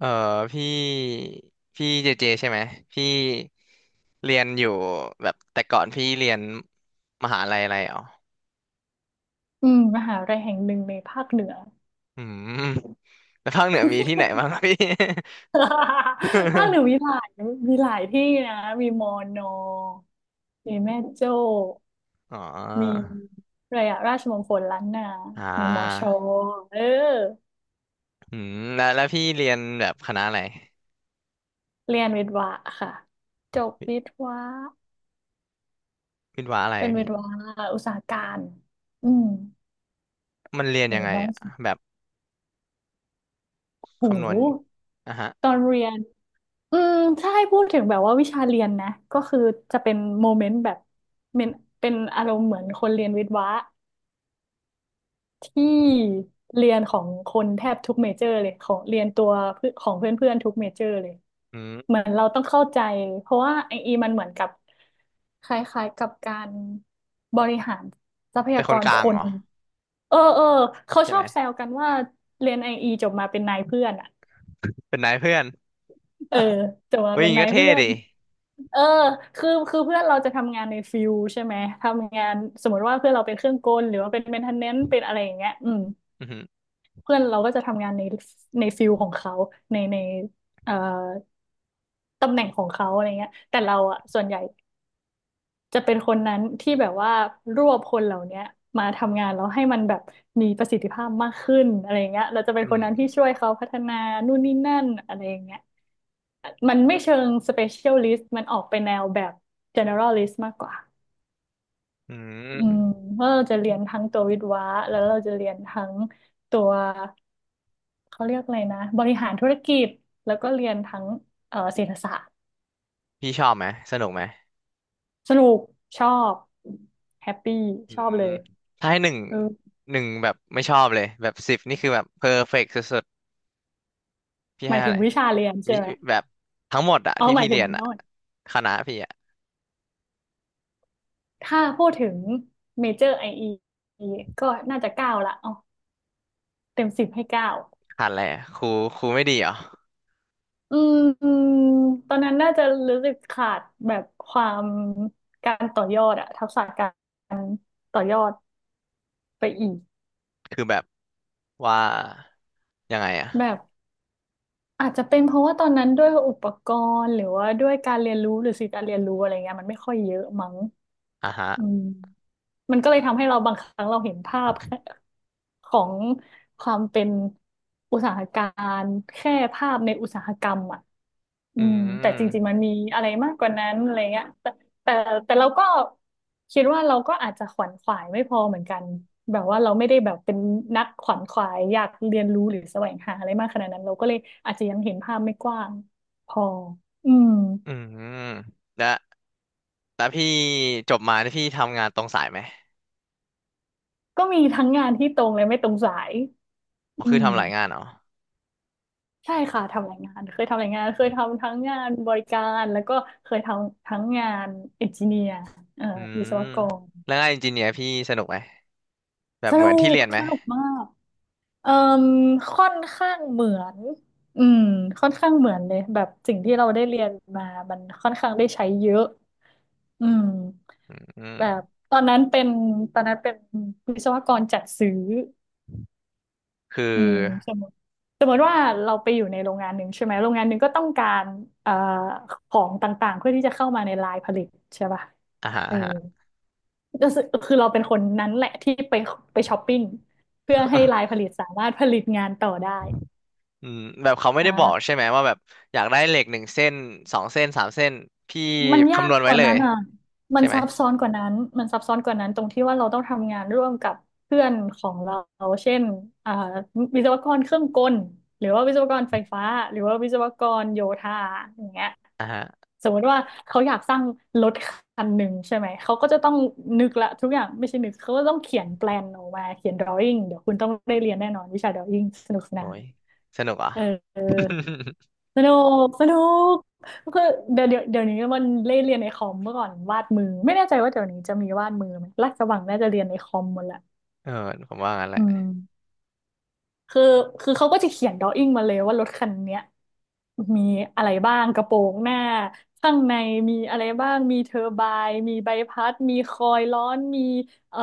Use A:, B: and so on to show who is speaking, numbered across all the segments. A: เออพี่พี่เจเจใช่ไหมพี่เรียนอยู่แบบแต่ก่อนพี่เรียนมหาลัยอะไรอ๋อ
B: หาวิทยาลัยแห่งหนึ่งในภาคเหนือ
A: อืมแล้วภาคเหนือมีที่ไหนบ้างครับพี่
B: ภาคเหนือมีห ลายมีหลายที่นะมีมอนอมีแม่โจ้
A: อ๋อ
B: มีอะไรอะราชมงคลล้านนา
A: อ่
B: มีมอชอ
A: า
B: เออ
A: อืมแล้วพี่เรียนแบบคณะอะไร
B: เรียนวิทวะค่ะจบวิทวะ
A: วิศวะอะไร
B: เป็นวิ
A: พี่
B: ทวะอุตสาหการอืม
A: มันเรียน
B: ถื
A: ยั
B: อ
A: งไง
B: ว่า
A: อะแบบ
B: โ
A: คำนวณ
B: ห
A: อ่ะฮะ
B: ตอนเรียนอืมถ้าให้พูดถึงแบบว่าวิชาเรียนนะ ก็คือจะเป็นโมเมนต์แบบเป็นเป็นอารมณ์เหมือนคนเรียนวิทย์วะ ที่เรียนของคนแทบทุกเมเจอร์เลยของเรียนตัวเพื่อนของเพื่อนๆทุกเมเจอร์เลย
A: อื
B: เหมื
A: ม
B: อนเราต้องเข้าใจเพราะว่าไออีมันเหมือนกับคล้ายๆกับการบริหารทรัพ
A: เป็
B: ยา
A: นค
B: ก
A: น
B: ร
A: กลา
B: ค
A: งเหร
B: น
A: อ
B: เออเออเขา
A: ใช่
B: ชอ
A: ไหม
B: บแซวกันว่าเรียนไออีจบมาเป็นนายเพื่อนอ่ะ
A: เป็นนายเพื่อน
B: เออจบ มา
A: เฮ้ย
B: เป็
A: อ
B: น
A: ย่างงี้
B: นาย
A: ก็เท่
B: เพื่อ
A: ดิ
B: นเออคือเพื่อนเราจะทำงานในฟิลใช่ไหมทำงานสมมติว่าเพื่อนเราเป็นเครื่องกลหรือว่าเป็นเมนเทนเนนซ์เป็นอะไรอย่างเงี้ยอืม
A: อืมอหือ
B: เพื่อนเราก็จะทำงานในฟิลของเขาในเอ่อตำแหน่งของเขาอะไรเงี้ยแต่เราอ่ะส่วนใหญ่จะเป็นคนนั้นที่แบบว่ารวบคนเหล่าเนี้ยมาทำงานแล้วให้มันแบบมีประสิทธิภาพมากขึ้นอะไรเงี้ยเราจะเป็น
A: อื
B: คนนั้นที่
A: ม
B: ช่วยเขาพัฒนานู่นนี่นั่นอะไรอย่างเงี้ยมันไม่เชิง specialist มันออกไปแนวแบบ generalist มากกว่า
A: อื
B: อืม
A: ม
B: ว่าเราจะเรียนทั้งตัววิศวะแล้วเราจะเรียนทั้งตัว เขาเรียกอะไรนะบริหารธุรกิจแล้วก็เรียนทั้งเศรษฐศาสตร์
A: พี่ชอบไหมสนุกไหม
B: สนุกชอบแฮปปี้
A: อื
B: ชอบเล
A: ม
B: ย
A: ถ้าให้หนึ่ง
B: เออ
A: แบบไม่ชอบเลยแบบสิบนี่คือแบบเพอร์เฟกต์สุดๆพี่
B: ห
A: ให้
B: มาย
A: อะ
B: ถึ
A: ไห
B: ง
A: ร
B: วิชาเรียน
A: วิ
B: ใช่ไหม
A: แบบทั้งหมดอะ
B: เอา
A: ที่
B: หมา
A: พี่
B: ยถึ
A: เรี
B: ง
A: ยน
B: โท
A: อะ
B: ษ
A: คณะพี่อะ
B: ถ้าพูดถึงเมเจอร์ไอก็น่าจะเก้าละเอาเต็มสิบให้เก้า
A: ขาดอะไรอะครูครูไม่ดีเหรอ
B: อืมอืมตอนนั้นน่าจะรู้สึกขาดแบบความการต่อยอดอะทักษะการต่อยอดไปอีก
A: คือแบบว่ายังไงอะ
B: แบบ อาจจะเป็นเพราะว่าตอนนั้นด้วยอุปกรณ์หรือว่าด้วยการเรียนรู้หรือสื่อการเรียนรู้อะไรเงี้ยมันไม่ค่อยเยอะมั้ง
A: อ่ะฮะ
B: อืมมันก็เลยทำให้เราบางครั้งเราเห็นภาพแค่ของความเป็นอุตสาหการแค่ภาพในอุตสาหกรรมอ่ะอื
A: อื
B: ม แต่จริงๆมั
A: ม
B: นมีอะไรมากกว่านั้นอะไรเงี้ยแต่แต่เราก็คิดว่าเราก็อาจจะขวนขวายไม่พอเหมือนกัน แบบว่าเราไม่ได้แบบเป็นนักขวนขวายอยากเรียนรู้หรือแสวงหาอะไรมากขนาดนั้นเราก็เลยอาจจะยังเห็นภาพไม่กว้างพออืม
A: อืมแล้วพี่จบมาที่พี่ทำงานตรงสายไหม
B: ก็มีทั้งงานที่ตรงและไม่ตรงสาย
A: อ๋อ
B: อื
A: คือ
B: ม
A: ทำหลายงานเหรอ
B: ใช่ค่ะทำรายงานเคยทำรายงานเคยทำทั้งงานบริการแล้วก็เคยทำทั้งงานเอนจิเนียร์เอ่อ
A: อื
B: วิ
A: ม
B: ศวกร
A: แล้วงานอินจิเนียร์พี่สนุกไหมแบบ
B: ส
A: เห
B: นุ
A: มือนที่
B: ก
A: เรียนไหม
B: สนุกมากเอ่มค่อนข้างเหมือนอืมค่อนข้างเหมือนเลยแบบสิ่งที่เราได้เรียนมามันค่อนข้างได้ใช้เยอะอืม
A: อื
B: แบ
A: ม
B: บตอนนั้นเป็นตอนนั้นเป็นวิศวกรจัดซื้อ
A: คื
B: อื
A: อ
B: ม สมมติว่าเราไปอยู่ในโรงงานหนึ่งใช่ไหมโรงงานหนึ่งก็ต้องการเอ่อของต่างๆเพื่อที่จะเข้ามาในไลน์ผลิตใช่ป่ะ
A: อ่าฮะ
B: เออ
A: อ่ะฮะ
B: ก็คือเราเป็นคนนั้นแหละที่ไปช้อปปิ้งเพื่อให้ไล น์ผลิตสามารถผลิตงานต่อได้
A: อืมแบบเขาไม่
B: อ่
A: ได้บอก
B: า
A: ใช่ไหมว่าแบบอยากได้เหล็กหนึ่งเส้นสองเส้นสามเส้นพี่
B: มันยา
A: คำน
B: ก
A: วณ
B: ก
A: ไว้
B: ว่า
A: เล
B: นั้
A: ย
B: นอ่ะมั
A: ใช่
B: น
A: ไหม
B: ซับซ้อนกว่านั้นมันซับซ้อนกว่านั้นตรงที่ว่าเราต้องทำงานร่วมกับเพื่อนของเรา เช่นอ่าวิศวกรเครื่องกลหรือว่าวิศวกรไฟฟ้าหรือว่าวิศวกรโยธาอย่างเงี้ย
A: อ่าฮะ
B: สมมติว่าเขาอยากสร้างรถคันหนึ่งใช่ไหมเขาก็จะต้องนึกละทุกอย่างไม่ใช่นึกเขาก็ต้องเขียนแปลนออกมาเขียนดรอ i n g เดี๋ยวคุณต้องได้เรียนแน่นอนวิชาดรอ i n g สนุกส
A: โอ้
B: นาน
A: ยสนุกอ่ะ
B: เออเออ สนุกสนุกคือเดี๋ยวนี้มันเล่นเรียนในคอมเมื่อก่อนวาดมือไม่แน่ใจว่าเดี๋ยวนี้จะมีวาดมือไหมลาดกระบังน่าจะเรียนในคอมหมดแหละ
A: เออผมว่างั้นแห
B: อื
A: ละ
B: ม คือคือเขาก็จะเขียนดอ w ิ n งมาเลยว่ารถคันเนี้ยมีอะไรบ้างกระโปรงหน้าข้างในมีอะไรบ้างมีเทอร์ไบน์มีใบพัดมีคอยล์ร้อนมีเอ่อ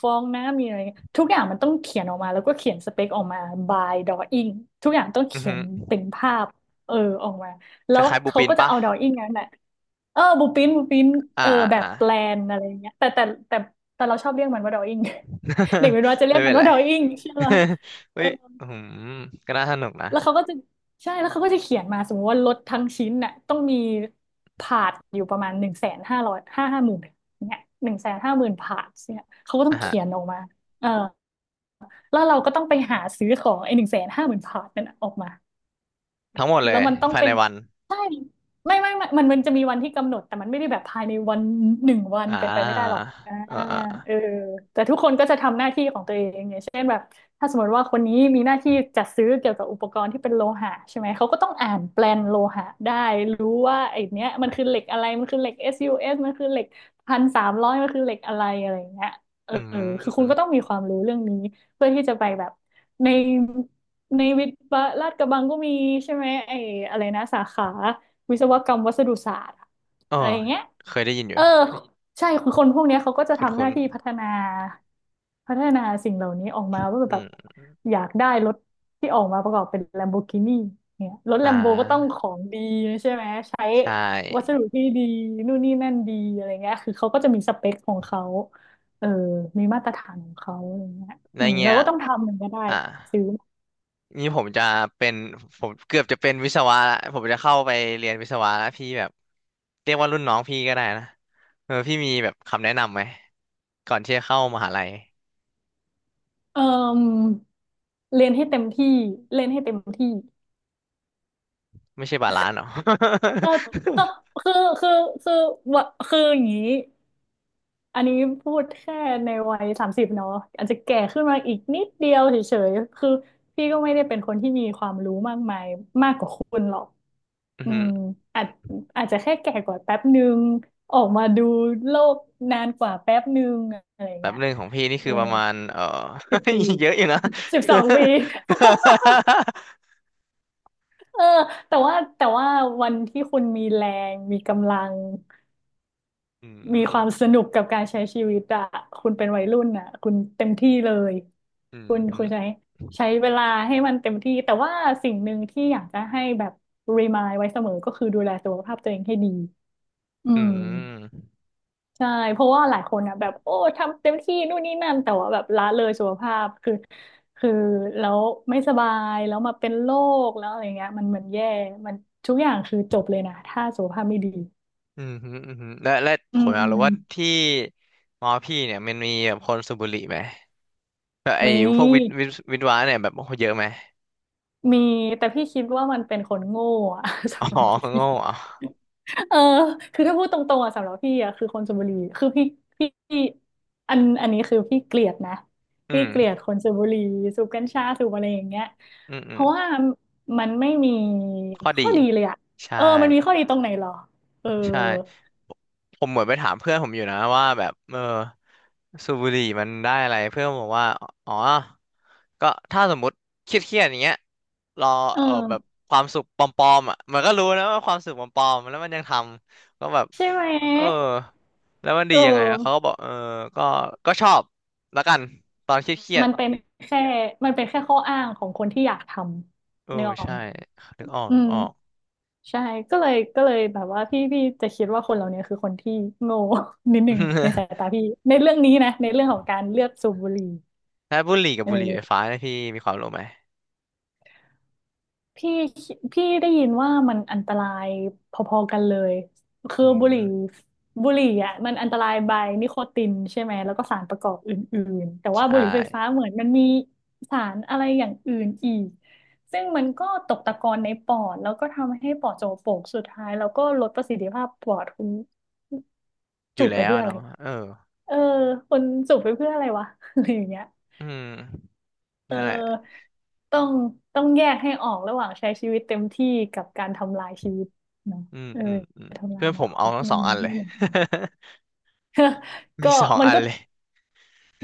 B: ฟองน้ำมีอะไรเงี้ยทุกอย่างมันต้องเขียนออกมาแล้วก็เขียนสเปคออกมา by drawing ทุกอย่างต้อง
A: อือ
B: เขีย
A: ฮึ
B: นเป็นภาพเออออกมา
A: ค
B: แล้ว
A: ล้ายๆบู
B: เขา
A: ปิน
B: ก็จะ
A: ปะ
B: เอา drawing นั้นแหละเออบูปินบูปิน
A: อ่า
B: เออ
A: อ่า
B: แบบ
A: อ่า
B: แปลนอะไรอย่างเงี้ยแต่แต่เราชอบเรียกมันว่า drawing เด็ก เป็นว่าจะเรีย
A: ไม่
B: กมั
A: เป็
B: น
A: นไร
B: ว่า drawing ใช่ไหม
A: เฮ้ยอืมก็น่าสนุกนะ
B: แล้วเขาก็จะใช่แล้วเขาก็จะเขียนมาสมมติว่ารถทั้งชิ้นน่ะต้องมีพาร์ทอยู่ประมาณ100,500ห้าหมื่นเนี่ยหนึ่งแสนห้าหมื่นพาร์ทเนี่ยเขาก็ต้อ
A: อ่า
B: ง
A: ฮะ
B: เขียนออกมาเออแล้วเราก็ต้องไปหาซื้อของไอ้หนึ่งแสนห้าหมื่นพาร์ทนั่นน่ะออกมา
A: ทั้งหมดเล
B: แล้
A: ย
B: วมันต้อง
A: ภาย
B: เป็
A: ใน
B: น
A: วัน
B: ใช่ไม่ไม่ไม่มันจะมีวันที่กำหนดแต่มันไม่ได้แบบภายในวันหนึ่งวัน
A: อ่า
B: เป็นไปไม่ได้หรอกอ่า
A: เออ
B: เออแต่ทุกคนก็จะทำหน้าที่ของตัวเองอย่างเช่นแบบถ้าสมมติว่าคนนี้มีหน้าที่จัดซื้อเกี่ยวกับอุปกรณ์ที่เป็นโลหะใช่ไหมเขาก็ต้องอ่านแปลนโลหะได้รู้ว่าไอ้เนี้ยมันคือเหล็กอะไรมันคือเหล็ก SUS มันคือเหล็ก1,300มันคือเหล็กอะไรอะไรอย่างเงี้ยเอ
A: อื
B: อคือคุณก็
A: ม
B: ต้องมีความรู้เรื่องนี้เพื่อที่จะไปแบบใน ในวิทย์วะลาดกระบังก็มีใช่ไหมไอ้อะไรนะสาขาวิศวกรรมวัสดุศาสตร์อะ
A: อ๋อ
B: อะไรอย่างเงี้ย
A: เคยได้ยินอ
B: เอ
A: ยู่
B: อใช่คือคนพวกเนี้ยเขาก็จะทำหน้า
A: คุ้น
B: ที่พัฒนาสิ่งเหล่านี้ออกมาว่า
A: ๆ
B: แบ
A: อื
B: บ
A: ม
B: อยากได้รถที่ออกมาประกอบเป็นแลมโบกินีเนี่ยรถแล
A: อ่
B: มโบก็ต้อง
A: า
B: ของดีใช่ไหมใช้
A: ใช่
B: วัสดุที่ดีนู่นนี่นั่นดีอะไรเงี้ยคือเขาก็จะมีสเปคของเขาเออมีมาตรฐานของเขาอะไรเงี้ย
A: ใน
B: อืม
A: เงี้
B: เรา
A: ย
B: ก็ต้องทำมันก็ได้
A: อ่า
B: ซื้อ
A: นี่ผมจะเป็นผมเกือบจะเป็นวิศวะละผมจะเข้าไปเรียนวิศวะแล้วพี่แบบ เรียกว่ารุ่นน้องพี่ก็ได้นะเออพี่มีแบบคำแนะนำไหม ก่อนที่จะเข้ามหาลัย
B: เอ่อเรียนให้เต็มที่เล่นให้เต็มที่
A: ไม่ใช่บาลานซ์หรอ
B: ก็ก็คือคือคือวะคืออย่างนี้อันนี้พูดแค่ในวัย30เนาะอาจจะแก่ขึ้นมาอีกนิดเดียวเฉยๆคือพี่ก็ไม่ได้เป็นคนที่มีความรู้มากมายมากกว่าคุณหรอก
A: อือ
B: อื
A: หือ
B: มอาจอาจจะแค่แก่กว่าแป๊บนึงออกมาดูโลกนานกว่าแป๊บนึงอะไร
A: แบบ
B: เงี้ย
A: หนึ่งของพี่นี่
B: เอ
A: คื
B: อ
A: อประมาณเออ
B: 10 ปี
A: เยอะอยู่นะ
B: 12 ปี เออแต่ว่าวันที่คุณมีแรงมีกำลัง
A: อื
B: มี
A: ม
B: ความสนุกกับการใช้ชีวิตอะคุณเป็นวัยรุ่นอะคุณเต็มที่เลย
A: อื
B: คุ
A: ม
B: ณ
A: อื
B: คุ
A: ม
B: ณใช้เวลาให้มันเต็มที่แต่ว่าสิ่งหนึ่งที่อยากจะให้แบบรีมายไว้เสมอก็คือดูแลสุขภาพตัวเองให้ดีอืม
A: อ
B: ใช่เพราะว่าหลายคนอ่ะแบบโอ้ทำเต็มที่นู่นนี่นั่นแต่ว่าแบบละเลยสุขภาพคือแล้วไม่สบายแล้วมาเป็นโรคแล้วอะไรเงี้ยมันเหมือนแย่มันทุกอย่างคือจบเลยนะถ้าสุขภาพไม่ดี
A: อืมฮึอืมฮึและผ
B: อื
A: มอยากรู้ว่า
B: ม
A: ที่มอพี่เนี่ยมันมีแบบคนสูบบุหรี่ไหมแบบ
B: ม
A: ไอ้พวกวิท
B: ี
A: วิทวะเนี่ยแบบโอ้โหเยอะไหม
B: มีแต่พี่คิดว่ามันเป็นคนโง่อะ
A: อ๋อ
B: สำหรับพี่
A: โง่อ่ะ
B: เออคือถ้าพูดตรงๆอ่ะสำหรับพี่อ่ะคือคนชลบุรีคือพี่อันนี้คือพี่เกลียดนะ
A: อื
B: พี่เกลีย
A: ม
B: ดคนชลบุรีสูบกัญชาสูบอะไรอย่างเงี้ย
A: อืมอื
B: เพ
A: ม
B: ราะว่ามันไม่มี
A: ข้อ
B: ข้อ
A: ดี
B: ดีเลยอ่ะเออ
A: ใช่
B: มันมีข้อดีตรงไหนหรอเออ
A: ใช่ผมเหมือนไปถามเพื่อนผมอยู่นะว่าแบบเออสูบบุหรี่มันได้อะไรเพื่อนผมบอกว่าอ๋อก็ถ้าสมมติเครียดๆอย่างเงี้ยรอ
B: เออ
A: เออแบบความสุขปลอมๆอ่ะมันก็รู้นะว่าความสุขปลอมๆแล้วมันยังทำก็แบบ
B: ใช่ไหม
A: เออแล้วมัน
B: เอ
A: ดียังไงอะเขาก็
B: อ
A: บอกเออก็ชอบแล้วกันตอนเครียด
B: มันเป็นแค่มันเป็นแค่ข้ออ้างของคนที่อยากท
A: ๆเอ
B: ำ
A: อ
B: เนื้อออก
A: ใช่
B: ไหม
A: นึกออก
B: อืม ใช่ก็เลยแบบว่าพี่จะคิดว่าคนเหล่านี้คือคนที่โง่ นิดหนึ่งในสายตา พี่ในเรื่องนี้นะในเรื่องของการเลือกสูบบุหรี่
A: ถ้าบุหรี่กับ
B: เอ
A: บุหรี่ไฟฟ้า
B: อ
A: เนี่ยพี่มีความรู้ไหม
B: พี่พี่ได้ยินว่ามันอันตรายพอๆกันเลยคือ
A: อื
B: บุหรี่
A: ม
B: บุหรี่อ่ะมันอันตรายบายนิโคตินใช่ไหมแล้วก็สารประกอบอื่นๆแต่ว่า
A: ใช่
B: บุหรี่ไฟฟ้าเหมือนมันมีสารอะไรอย่างอื่นอีกซึ่งมันก็ตกตะกอนในปอดแล้วก็ทำให้ปอดโจโปกสุดท้ายแล้วก็ลดประสิทธิภาพปอดคุณ
A: อ
B: จู
A: ยู่
B: บไป
A: แล้ว
B: เพื่อ
A: อะ
B: อะไร
A: เนาะเออ
B: เออคนจูบไปเพื่ออะไรวะ อะไรอย่างเงี้ย
A: อืม
B: เออ
A: นั่นแหละ
B: ต้องต้องแยกให้ออกระหว่างใช้ชีวิตเต็มที่กับการทำลายชีวิตเนาะ
A: อืม
B: เออทำลาย
A: เพื่อน
B: อ
A: ผ
B: นา
A: ม
B: ค
A: เอา
B: ต
A: ทั้งส
B: มั
A: อ
B: น
A: งอันเล
B: ไม่
A: ย
B: เหมือนกัน
A: มี
B: ก็
A: สอง
B: มัน
A: อัน
B: ก็
A: เลย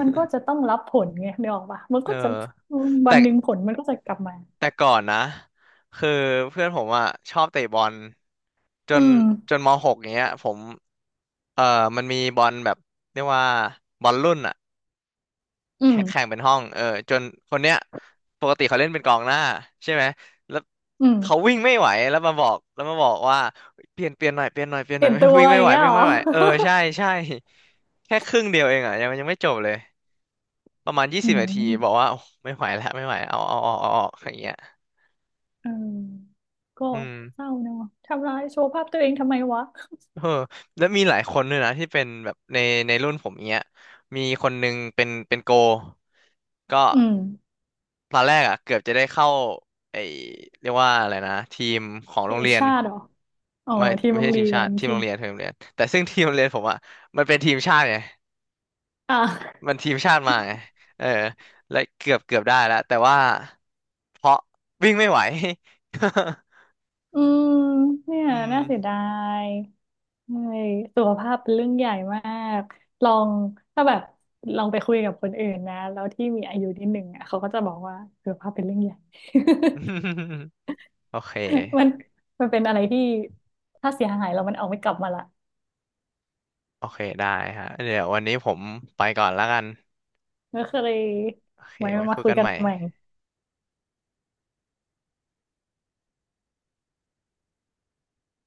B: มันก็จะต้องรับผลไงนึกออกปะมัน
A: เอ
B: ก็
A: อ
B: จะวั
A: แต่
B: นหนึ่งผลมันก็จะกลับมา
A: แต่ก่อนนะ คือเพื่อนผมอ่ะชอบเตะบอลจ
B: อื
A: น
B: ม
A: มหกเนี้ยผมเออมันมีบอลแบบเรียกว่าบอลรุ่นอ่ะ
B: อื
A: แข่
B: ม
A: งเป็นห้องเออจนคนเนี้ยปกติเขาเล่นเป็นกองหน้าใช่ไหมแล้ว
B: อื
A: เขา
B: ม
A: วิ่งไม่ไหวแล้วมาบอกว่าเปลี่ยนเปลี่ยนหน่อยเปลี่ยนหน่อยเปลี่ยนห
B: เป
A: น่อ
B: ลี่
A: ย
B: ย น
A: ไม่
B: ตั ว
A: วิ่งไม่
B: อย่า
A: ไห
B: ง
A: ว
B: เงี้ยเหรอ
A: เออใช่ใช่ แค่ครึ่งเดียวเองอ่ะยังไม่จบเลยประมาณยี่
B: อื
A: สิบนาที
B: ม
A: บอกว่าโอ้ไม่ไหวแล้วไม่ไหวเอาออกอย่างเงี้ย
B: เออก็
A: อืม
B: เศร้าเนอะทำร้ายโชว์ภาพตัวเองทำไมวะ
A: เออแล้วมีหลายคนด้วยนะที่เป็นแบบในรุ่นผมเงี้ยมีคนนึงเป็นโก ก็
B: อืม
A: ตอนแรกอ่ะเกือบจะได้เข้าไอเรียกว่าอะไรนะทีมของ
B: เพ
A: โร
B: ล
A: ง
B: ง
A: เรียน
B: ชาติเหรอ อ๋อทีม
A: ไม่
B: โร
A: ใช่
B: ง
A: ที
B: เรี
A: ม
B: ย
A: ชา
B: น
A: ติทีม
B: ที
A: โร
B: ม
A: งเรียนทีมโรงเรียนแต่ซึ่งทีมโรงเรียนผมอ่ะมันเป็นทีมชาติไง
B: อ่ะ
A: มันทีมชาติมาไงเออและเกือบได้แล้วแต่ว่าเพราะวิ่งไม่ไหว
B: อืมเนี่ ย
A: อืม
B: น่าเสียดายเมื่อยสุขภาพเป็นเรื่องใหญ่มากลองถ้าแบบลองไปคุยกับคนอื่นนะแล้วที่มีอายุนิดหนึ่งอ่ะเขาก็จะบอกว่าสุขภาพเป็นเรื่องใหญ่
A: โอเค
B: มันมันเป็นอะไรที่ถ้าเสียหายเรามันเอาไม่กลับมาละ
A: ได้ฮะเดี๋ยววันนี้ผมไปก่อนแล้วกัน
B: ก็เลย
A: โอเค
B: ไว้
A: ไว้
B: มา
A: คุย
B: คุย
A: กัน
B: กั
A: ให
B: น
A: ม่
B: ใหม่